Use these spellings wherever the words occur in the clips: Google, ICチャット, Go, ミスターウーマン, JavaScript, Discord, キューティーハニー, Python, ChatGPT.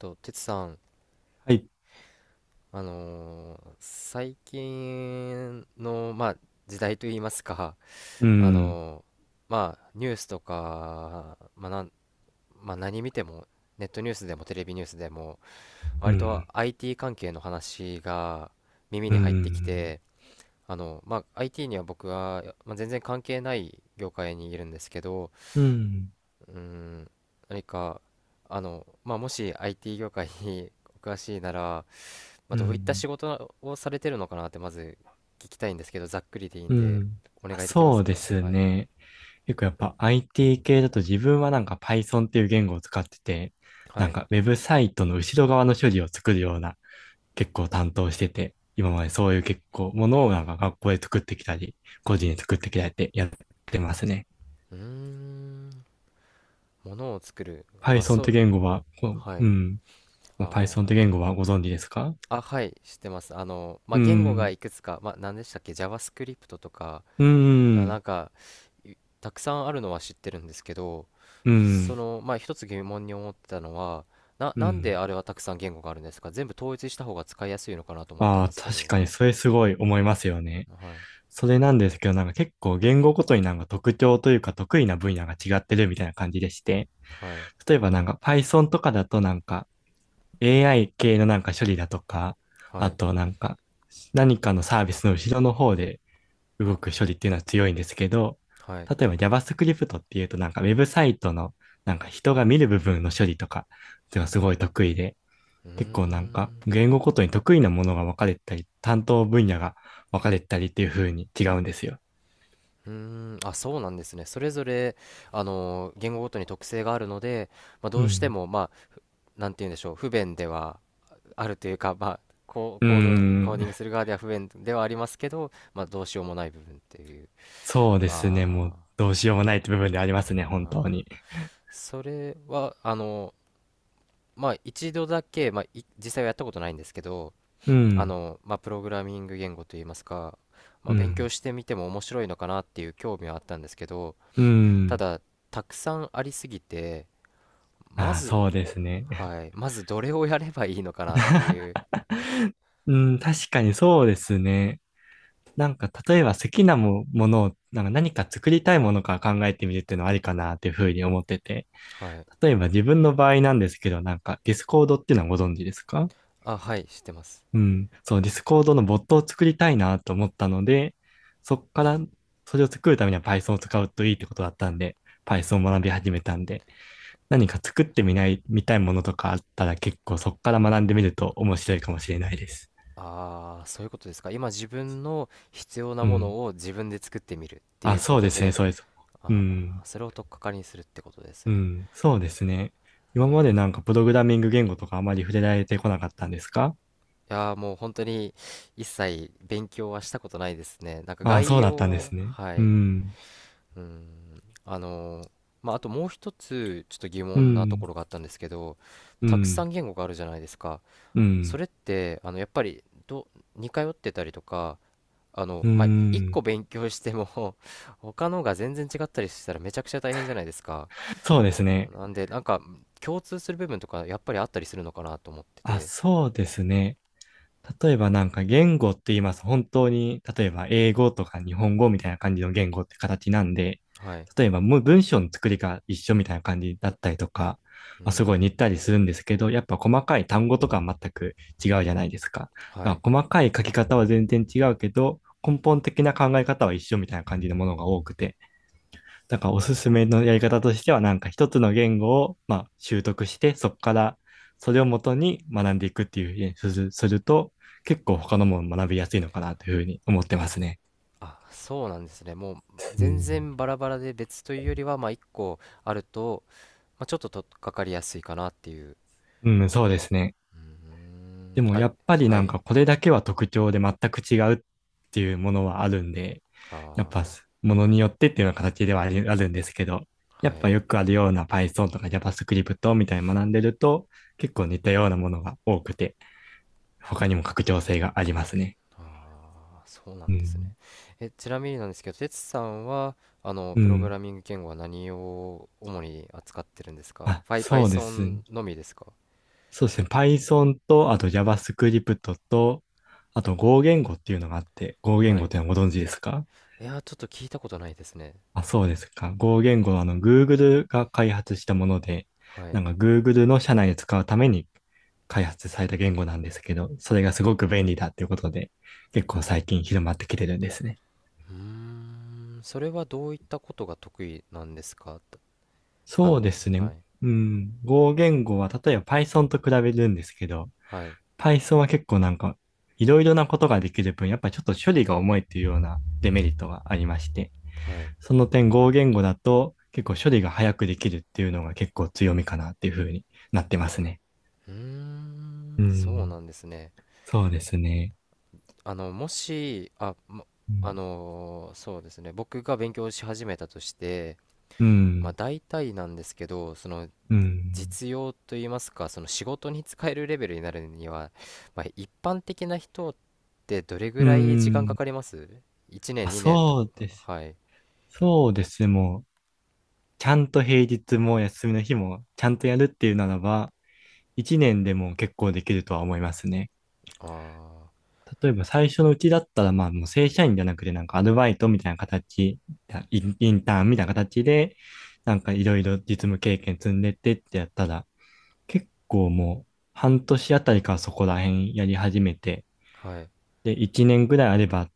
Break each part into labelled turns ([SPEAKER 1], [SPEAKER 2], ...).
[SPEAKER 1] と、てつさん、
[SPEAKER 2] はい。
[SPEAKER 1] 最近の、まあ、時代といいますか、
[SPEAKER 2] う
[SPEAKER 1] あ
[SPEAKER 2] ん、
[SPEAKER 1] のニュースとか、まあなんまあ、何見ても、ネットニュースでもテレビニュースでも、
[SPEAKER 2] う
[SPEAKER 1] 割と
[SPEAKER 2] ん、
[SPEAKER 1] IT 関係の話が耳
[SPEAKER 2] う
[SPEAKER 1] に入ってき
[SPEAKER 2] ん、
[SPEAKER 1] て、まあ、IT には僕は、まあ、全然関係ない業界にいるんですけど、
[SPEAKER 2] うん、
[SPEAKER 1] うーん、何か、まあ、もし IT 業界にお詳しいなら、まあ、
[SPEAKER 2] う
[SPEAKER 1] どういった
[SPEAKER 2] ん、
[SPEAKER 1] 仕事をされてるのかなってまず聞きたいんですけど、ざっくりでいい
[SPEAKER 2] う
[SPEAKER 1] んで、
[SPEAKER 2] ん。
[SPEAKER 1] お
[SPEAKER 2] あ、
[SPEAKER 1] 願いできま
[SPEAKER 2] そ
[SPEAKER 1] す
[SPEAKER 2] うで
[SPEAKER 1] か？
[SPEAKER 2] す
[SPEAKER 1] はい。
[SPEAKER 2] ね。結構やっぱ IT 系だと自分はなんか Python っていう言語を使ってて、な
[SPEAKER 1] は
[SPEAKER 2] ん
[SPEAKER 1] い。
[SPEAKER 2] かウェブサイトの後ろ側の処理を作るような結構担当してて、今までそういう結構ものをなんか学校で作ってきたり、個人で作ってきたりってやってますね。
[SPEAKER 1] うーん。物を作る。あ、
[SPEAKER 2] Python っ
[SPEAKER 1] そ
[SPEAKER 2] て
[SPEAKER 1] う。
[SPEAKER 2] 言語は、こ
[SPEAKER 1] は
[SPEAKER 2] う
[SPEAKER 1] い。
[SPEAKER 2] うん。
[SPEAKER 1] あ
[SPEAKER 2] Python って言語はご存知ですか？
[SPEAKER 1] あ。あ、はい。知ってます。ま
[SPEAKER 2] う
[SPEAKER 1] あ、言語が
[SPEAKER 2] ん、
[SPEAKER 1] いくつか、まあ、何でしたっけ？ JavaScript とか、
[SPEAKER 2] う
[SPEAKER 1] な
[SPEAKER 2] ん、
[SPEAKER 1] んか、いたくさんあるのは知ってるんですけど、
[SPEAKER 2] う
[SPEAKER 1] そ
[SPEAKER 2] ん、
[SPEAKER 1] の、まあ、一つ疑問に思ってたのは、な、
[SPEAKER 2] う
[SPEAKER 1] なんで
[SPEAKER 2] ん。
[SPEAKER 1] あれはたくさん言語があるんですか？全部統一した方が使いやすいのかなと思った
[SPEAKER 2] あ
[SPEAKER 1] んで
[SPEAKER 2] あ、
[SPEAKER 1] すけ
[SPEAKER 2] 確
[SPEAKER 1] ど。
[SPEAKER 2] かにそれすごい思いますよね。
[SPEAKER 1] はい。
[SPEAKER 2] それなんですけど、なんか結構言語ごとになんか特徴というか得意な分野が違ってるみたいな感じでして、
[SPEAKER 1] はい。
[SPEAKER 2] 例えばなんか Python とかだとなんか AI 系のなんか処理だとか、
[SPEAKER 1] は
[SPEAKER 2] あ
[SPEAKER 1] い。
[SPEAKER 2] となんか何かのサービスの後ろの方で動く処理っていうのは強いんですけど、
[SPEAKER 1] はい。
[SPEAKER 2] 例えば JavaScript っていうとなんかウェブサイトのなんか人が見る部分の処理とかっていうのはすごい得意で、
[SPEAKER 1] うー
[SPEAKER 2] 結構なんか
[SPEAKER 1] ん。
[SPEAKER 2] 言語ごとに得意なものが分かれたり、担当分野が分かれたりっていう風に違うんですよ。
[SPEAKER 1] うーん。あ、そうなんですね。それぞれ、言語ごとに特性があるので、まあ、
[SPEAKER 2] う
[SPEAKER 1] どうして
[SPEAKER 2] ん。
[SPEAKER 1] も、まあ、なんて言うんでしょう、不便ではあるというか、まあ、
[SPEAKER 2] うー
[SPEAKER 1] コーディング
[SPEAKER 2] ん。
[SPEAKER 1] する側では不便ではありますけど、まあ、どうしようもない部分っていう。
[SPEAKER 2] そうですね。も
[SPEAKER 1] あ
[SPEAKER 2] うどうしようもないって部分でありま
[SPEAKER 1] ー
[SPEAKER 2] すね、本
[SPEAKER 1] あ
[SPEAKER 2] 当
[SPEAKER 1] ー。
[SPEAKER 2] に。
[SPEAKER 1] それは、まあ、一度だけ、まあ、実際はやったことないんですけど、
[SPEAKER 2] うん。
[SPEAKER 1] まあ、プログラミング言語といいますか、ま
[SPEAKER 2] う
[SPEAKER 1] あ、勉強
[SPEAKER 2] ん。
[SPEAKER 1] してみても面白いのかなっていう興味はあったんですけど、
[SPEAKER 2] う
[SPEAKER 1] た
[SPEAKER 2] ん。
[SPEAKER 1] だたくさんありすぎて、ま
[SPEAKER 2] ああ、そう
[SPEAKER 1] ず、
[SPEAKER 2] ですね。
[SPEAKER 1] はい、まずどれをやればいいのかなってい う。
[SPEAKER 2] うん、確かにそうですね。なんか、例えば好きなも、ものを、なんか何か作りたいものから考えてみるっていうのはありかなっていうふうに思ってて。
[SPEAKER 1] はい。
[SPEAKER 2] 例えば自分の場合なんですけど、なんかディスコードっていうのはご存知ですか？
[SPEAKER 1] あ、はい、知ってます。
[SPEAKER 2] うん。そう、ディスコードのボットを作りたいなと思ったので、そこから、それを作るためには Python を使うといいってことだったんで、Python を学び始めたんで、何か作ってみたいものとかあったら結構そこから学んでみると面白いかもしれないです。
[SPEAKER 1] ああ、そういうことですか？今、自分の必要な
[SPEAKER 2] う
[SPEAKER 1] も
[SPEAKER 2] ん。
[SPEAKER 1] のを自分で作ってみるってい
[SPEAKER 2] あ、
[SPEAKER 1] うこ
[SPEAKER 2] そうで
[SPEAKER 1] と
[SPEAKER 2] すね、
[SPEAKER 1] で。
[SPEAKER 2] そうです。う
[SPEAKER 1] あ
[SPEAKER 2] ん。
[SPEAKER 1] あ、それを取っかかりにするってことです
[SPEAKER 2] う
[SPEAKER 1] ね。
[SPEAKER 2] ん。そうですね。
[SPEAKER 1] う
[SPEAKER 2] 今
[SPEAKER 1] ん。
[SPEAKER 2] までなんかプログラミング言語とかあまり触れられてこなかったんですか？
[SPEAKER 1] いやー、もう本当に一切勉強はしたことないですね。なんか、
[SPEAKER 2] あ、
[SPEAKER 1] 概
[SPEAKER 2] そうだっ
[SPEAKER 1] 要
[SPEAKER 2] たんで
[SPEAKER 1] は。
[SPEAKER 2] すね。
[SPEAKER 1] は
[SPEAKER 2] う
[SPEAKER 1] い。
[SPEAKER 2] ん。
[SPEAKER 1] うーん。あともう一つちょっと疑
[SPEAKER 2] う
[SPEAKER 1] 問なと
[SPEAKER 2] ん、
[SPEAKER 1] ころがあったんですけど、
[SPEAKER 2] う
[SPEAKER 1] たくさ
[SPEAKER 2] ん、
[SPEAKER 1] ん言語があるじゃないですか。
[SPEAKER 2] う
[SPEAKER 1] そ
[SPEAKER 2] ん、
[SPEAKER 1] れって、やっぱり、似通ってたりとか、
[SPEAKER 2] う
[SPEAKER 1] まあ、一個
[SPEAKER 2] ん。
[SPEAKER 1] 勉強しても 他のが全然違ったりしたらめちゃくちゃ大変じゃないですか。
[SPEAKER 2] そうですね。
[SPEAKER 1] なんでなんか共通する部分とかやっぱりあったりするのかなと思って
[SPEAKER 2] あ、
[SPEAKER 1] て。
[SPEAKER 2] そうですね。例えばなんか言語って言います。本当に、例えば英語とか日本語みたいな感じの言語って形なんで、
[SPEAKER 1] はい。
[SPEAKER 2] 例えばもう文章の作りが一緒みたいな感じだったりとか、
[SPEAKER 1] う
[SPEAKER 2] まあ、すごい
[SPEAKER 1] ん。
[SPEAKER 2] 似たりするんですけど、やっぱ細かい単語とかは全く違うじゃないですか。
[SPEAKER 1] は
[SPEAKER 2] だ
[SPEAKER 1] い。
[SPEAKER 2] から細かい書き方は全然違うけど、根本的な考え方は一緒みたいな感じのものが多くて、だからおすすめのやり方としては、なんか一つの言語を、まあ、習得して、そこからそれをもとに学んでいくっていうふうにするすると、結構他のもの学びやすいのかなというふうに思ってますね。
[SPEAKER 1] あ、そうなんですね。もう
[SPEAKER 2] う
[SPEAKER 1] 全
[SPEAKER 2] ん、
[SPEAKER 1] 然バラバラで別というよりは、まあ、一個あると、まあ、ちょっととっかかりやすいかなっていう。
[SPEAKER 2] うん、そうですね。
[SPEAKER 1] うー
[SPEAKER 2] で
[SPEAKER 1] ん、
[SPEAKER 2] も
[SPEAKER 1] はい、
[SPEAKER 2] やっぱり
[SPEAKER 1] は
[SPEAKER 2] なん
[SPEAKER 1] い、
[SPEAKER 2] かこれだけは特徴で全く違うっていうものはあるんで、やっぱ
[SPEAKER 1] あ
[SPEAKER 2] ものによってっていうような形ではあるんですけど、
[SPEAKER 1] ー、
[SPEAKER 2] やっ
[SPEAKER 1] はい。
[SPEAKER 2] ぱよくあるような Python とか JavaScript みたいに学んでると結構似たようなものが多くて、他にも拡張性がありますね。
[SPEAKER 1] あー、そうな
[SPEAKER 2] う
[SPEAKER 1] んですね。
[SPEAKER 2] ん。
[SPEAKER 1] え、ちなみになんですけど、哲さんは、
[SPEAKER 2] う
[SPEAKER 1] プログ
[SPEAKER 2] ん。
[SPEAKER 1] ラミング言語は何を主に扱ってるんですか？
[SPEAKER 2] あ、そうです。
[SPEAKER 1] Python のみですか？
[SPEAKER 2] そうですね。Python と、あと JavaScript と、あと Go 言語っていうのがあって、Go 言
[SPEAKER 1] は
[SPEAKER 2] 語っ
[SPEAKER 1] い。
[SPEAKER 2] てのはご存知ですか？
[SPEAKER 1] いやー、ちょっと聞いたことないですね。
[SPEAKER 2] あ、そうですか。Go 言語はあの Google が開発したもので、
[SPEAKER 1] はい。
[SPEAKER 2] なんか Google の社内で使うために開発された言語なんですけど、それがすごく便利だっていうことで、結構最近広まってきてるんですね。
[SPEAKER 1] うーん、それはどういったことが得意なんですか？と、あ
[SPEAKER 2] そう
[SPEAKER 1] の、
[SPEAKER 2] です
[SPEAKER 1] は
[SPEAKER 2] ね。
[SPEAKER 1] い、
[SPEAKER 2] うん。Go 言語は例えば Python と比べるんですけど、
[SPEAKER 1] はい、
[SPEAKER 2] Python は結構なんか、いろいろなことができる分、やっぱりちょっと処理が重いっていうようなデメリットがありまして、
[SPEAKER 1] はい。
[SPEAKER 2] その点、Go 言語だと結構処理が早くできるっていうのが結構強みかなっていうふうになってますね。
[SPEAKER 1] うーん、
[SPEAKER 2] う
[SPEAKER 1] そう
[SPEAKER 2] ん、
[SPEAKER 1] なんですね。
[SPEAKER 2] そうですね。
[SPEAKER 1] あの、もし、あ、も
[SPEAKER 2] うん、
[SPEAKER 1] あのーそうですね、僕が勉強し始めたとして、まあ、大体なんですけど、その、
[SPEAKER 2] うん、
[SPEAKER 1] 実用といいますか、その仕事に使えるレベルになるには、まあ、一般的な人ってどれぐ
[SPEAKER 2] う
[SPEAKER 1] らい時間か
[SPEAKER 2] ん。
[SPEAKER 1] かります？
[SPEAKER 2] あ、
[SPEAKER 1] 1 年、2年とか。
[SPEAKER 2] そうです。
[SPEAKER 1] はい。
[SPEAKER 2] そうです。もう、ちゃんと平日も休みの日もちゃんとやるっていうならば、一年でも結構できるとは思いますね。
[SPEAKER 1] あ
[SPEAKER 2] 例えば最初のうちだったら、まあもう正社員じゃなくて、なんかアルバイトみたいな形、インターンみたいな形で、なんかいろいろ実務経験積んでってってやったら、結構もう半年あたりからそこら辺やり始めて、
[SPEAKER 1] あ、はい。
[SPEAKER 2] で、1年ぐらいあれば、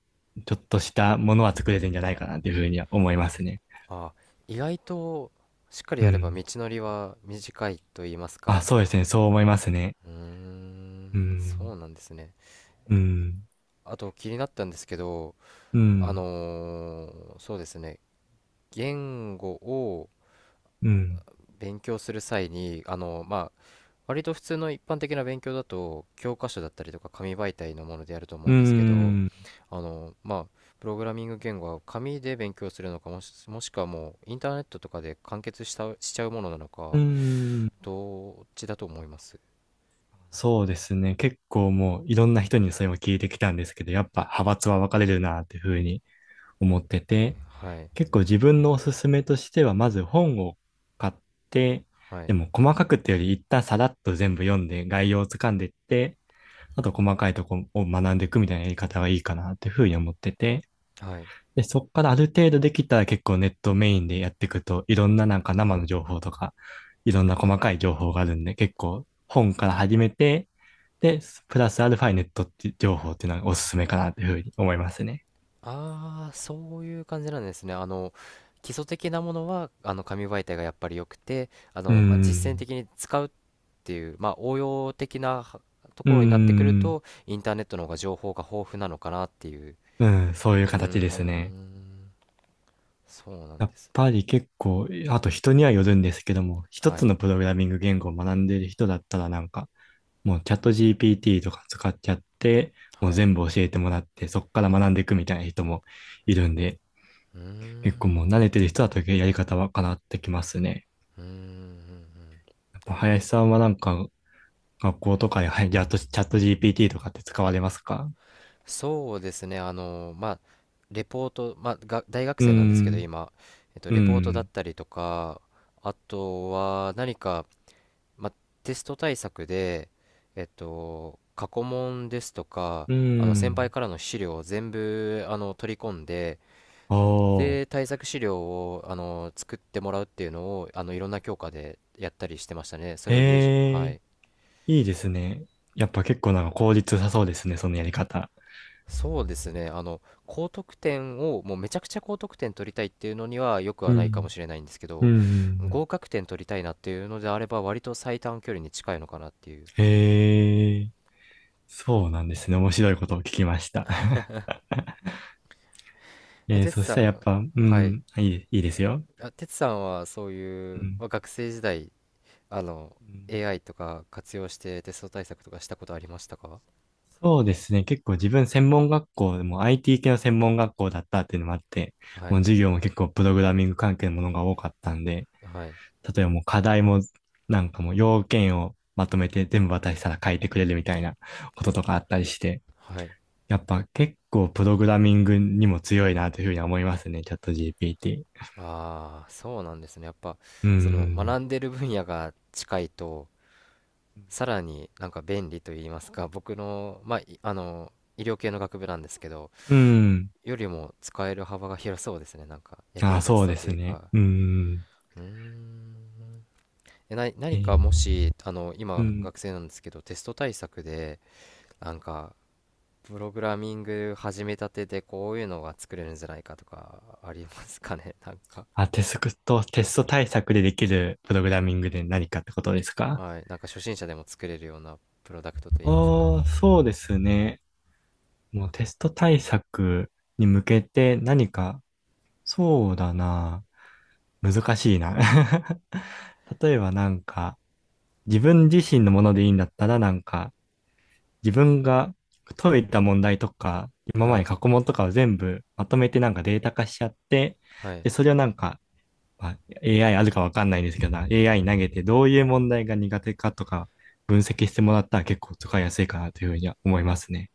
[SPEAKER 2] ちょっとしたものは作れるんじゃないかなっていうふうには思いますね。
[SPEAKER 1] あー、意外と、しっかり
[SPEAKER 2] う
[SPEAKER 1] やれば
[SPEAKER 2] ん。
[SPEAKER 1] 道のりは短いと言います
[SPEAKER 2] あ、
[SPEAKER 1] か。
[SPEAKER 2] そうですね。そう思いますね。
[SPEAKER 1] うー
[SPEAKER 2] う
[SPEAKER 1] ん、そ
[SPEAKER 2] ん。
[SPEAKER 1] うなんですね。
[SPEAKER 2] うん。
[SPEAKER 1] あと気になったんですけど、
[SPEAKER 2] うん。
[SPEAKER 1] そうですね、言語を
[SPEAKER 2] うん。
[SPEAKER 1] 勉強する際に、まあ、割と普通の一般的な勉強だと教科書だったりとか紙媒体のものでやると思う
[SPEAKER 2] う
[SPEAKER 1] んですけど、
[SPEAKER 2] ん。
[SPEAKER 1] まあ、プログラミング言語は紙で勉強するのか、もしくはもうインターネットとかで完結したしちゃうものなの
[SPEAKER 2] う
[SPEAKER 1] か、
[SPEAKER 2] ん。
[SPEAKER 1] どっちだと思います？
[SPEAKER 2] そうですね。結構もういろんな人にそれも聞いてきたんですけど、やっぱ派閥は分かれるなっていうふうに思って
[SPEAKER 1] は
[SPEAKER 2] て、
[SPEAKER 1] い、
[SPEAKER 2] 結構自分のおすすめとしては、まず本を買って、
[SPEAKER 1] は
[SPEAKER 2] で
[SPEAKER 1] い、
[SPEAKER 2] も細かくってより一旦さらっと全部読んで概要をつかんでいって、あと細かいとこを学んでいくみたいなやり方がいいかなっていうふうに思ってて、
[SPEAKER 1] はい。
[SPEAKER 2] で、そこからある程度できたら結構ネットメインでやっていくと、いろんななんか生の情報とか、いろんな細かい情報があるんで、結構本から始めて、で、プラスアルファネットって情報っていうのがおすすめかなというふうに思いますね。
[SPEAKER 1] ああ、そういう感じなんですね。基礎的なものは、紙媒体がやっぱり良くて、
[SPEAKER 2] うー
[SPEAKER 1] まあ、実践
[SPEAKER 2] ん。
[SPEAKER 1] 的に使うっていう、まあ、応用的なはと
[SPEAKER 2] うー
[SPEAKER 1] ころになってくる
[SPEAKER 2] ん。
[SPEAKER 1] と、インターネットの方が情報が豊富なのかなっていう。
[SPEAKER 2] うん、そうい
[SPEAKER 1] う
[SPEAKER 2] う
[SPEAKER 1] ー
[SPEAKER 2] 形ですね。
[SPEAKER 1] ん、そうなん
[SPEAKER 2] やっ
[SPEAKER 1] ですね。
[SPEAKER 2] ぱり結構、あと人にはよるんですけども、一
[SPEAKER 1] は
[SPEAKER 2] つ
[SPEAKER 1] い、
[SPEAKER 2] のプログラミング言語を学んでいる人だったらなんか、もうチャット GPT とか使っちゃって、もう
[SPEAKER 1] はい。
[SPEAKER 2] 全部教えてもらって、そこから学んでいくみたいな人もいるんで、
[SPEAKER 1] うーん、
[SPEAKER 2] 結構もう慣れてる人だとやり方は変わってきますね。
[SPEAKER 1] うーん、うん、
[SPEAKER 2] やっぱ林さんはなんか学校とかで、はい、じゃあチャット GPT とかって使われますか？
[SPEAKER 1] そうですね。まあ、レポート、まあ、が、大学
[SPEAKER 2] うー
[SPEAKER 1] 生なんですけど、
[SPEAKER 2] ん、
[SPEAKER 1] 今、
[SPEAKER 2] うー
[SPEAKER 1] レポートだっ
[SPEAKER 2] ん、
[SPEAKER 1] たりとか、あとは何か、まあ、テスト対策で、過去問ですとか、
[SPEAKER 2] うー
[SPEAKER 1] 先輩
[SPEAKER 2] ん。
[SPEAKER 1] からの資料を全部取り込んで、
[SPEAKER 2] おー、
[SPEAKER 1] で、対策資料を作ってもらうっていうのをいろんな教科でやったりしてましたね。そ
[SPEAKER 2] へ
[SPEAKER 1] れを友人、は
[SPEAKER 2] え、
[SPEAKER 1] い。
[SPEAKER 2] いいですね。やっぱ結構なんか効率良さそうですね、そのやり方。
[SPEAKER 1] そうですね。高得点を、もうめちゃくちゃ高得点取りたいっていうのにはよくは
[SPEAKER 2] う
[SPEAKER 1] ないかも
[SPEAKER 2] ん、
[SPEAKER 1] しれないんですけ
[SPEAKER 2] うん、
[SPEAKER 1] ど、
[SPEAKER 2] うん。
[SPEAKER 1] 合格点取りたいなっていうのであれば、割と最短距離に近いのかなっていう。
[SPEAKER 2] へえ、そうなんですね。面白いことを聞きました。
[SPEAKER 1] え、哲
[SPEAKER 2] そし
[SPEAKER 1] さ
[SPEAKER 2] たらやっ
[SPEAKER 1] ん、
[SPEAKER 2] ぱ、う
[SPEAKER 1] はい。
[SPEAKER 2] ん、いい、いいですよ。
[SPEAKER 1] あ、てつさんはそう
[SPEAKER 2] う
[SPEAKER 1] いう、
[SPEAKER 2] ん。
[SPEAKER 1] まあ、学生時代、あの、
[SPEAKER 2] うん、
[SPEAKER 1] AI とか活用してテスト対策とかしたことありましたか？
[SPEAKER 2] そうですね。結構自分専門学校でも IT 系の専門学校だったっていうのもあって、
[SPEAKER 1] は
[SPEAKER 2] もう
[SPEAKER 1] い。
[SPEAKER 2] 授業も結構プログラミング関係のものが多かったんで、
[SPEAKER 1] はい。
[SPEAKER 2] 例えばもう課題もなんかもう要件をまとめて全部渡したら書いてくれるみたいなこととかあったりして、
[SPEAKER 1] はい。
[SPEAKER 2] やっぱ結構プログラミングにも強いなというふうには思いますね。チャット GPT。
[SPEAKER 1] ああ、そうなんですね。やっぱ、
[SPEAKER 2] う
[SPEAKER 1] その、学
[SPEAKER 2] ん。
[SPEAKER 1] んでる分野が近いと、さらになんか便利と言いますか、僕の、まあ、いあの、医療系の学部なんですけど、
[SPEAKER 2] うん。
[SPEAKER 1] よりも使える幅が広そうですね。なんか、役
[SPEAKER 2] あ
[SPEAKER 1] に
[SPEAKER 2] あ、
[SPEAKER 1] 立ち
[SPEAKER 2] そう
[SPEAKER 1] そ
[SPEAKER 2] で
[SPEAKER 1] うと
[SPEAKER 2] す
[SPEAKER 1] いう
[SPEAKER 2] ね。
[SPEAKER 1] か。
[SPEAKER 2] うん。
[SPEAKER 1] うーん。え、な、
[SPEAKER 2] え
[SPEAKER 1] 何
[SPEAKER 2] ー
[SPEAKER 1] かもし、
[SPEAKER 2] う
[SPEAKER 1] 今、
[SPEAKER 2] ん。
[SPEAKER 1] 学生なんですけど、テスト対策で、なんかプログラミング始めたてでこういうのが作れるんじゃないかとかありますかね？ なんか。
[SPEAKER 2] あ、テスト対策でできるプログラミングで何かってことですか？
[SPEAKER 1] はい、なんか初心者でも作れるようなプロダクトといいますか。
[SPEAKER 2] ああ、そうですね。もうテスト対策に向けて何か、そうだな。難しいな。例えばなんか、自分自身のものでいいんだったらなんか、自分が解いた問題とか、今
[SPEAKER 1] は
[SPEAKER 2] まで
[SPEAKER 1] い、
[SPEAKER 2] 過去問とかを全部まとめてなんかデータ化しちゃって、
[SPEAKER 1] はい。
[SPEAKER 2] で、それをなんかまあ、AI あるかわかんないんですけどな、AI 投げてどういう問題が苦手かとか分析してもらったら結構使いやすいかなというふうには思いますね。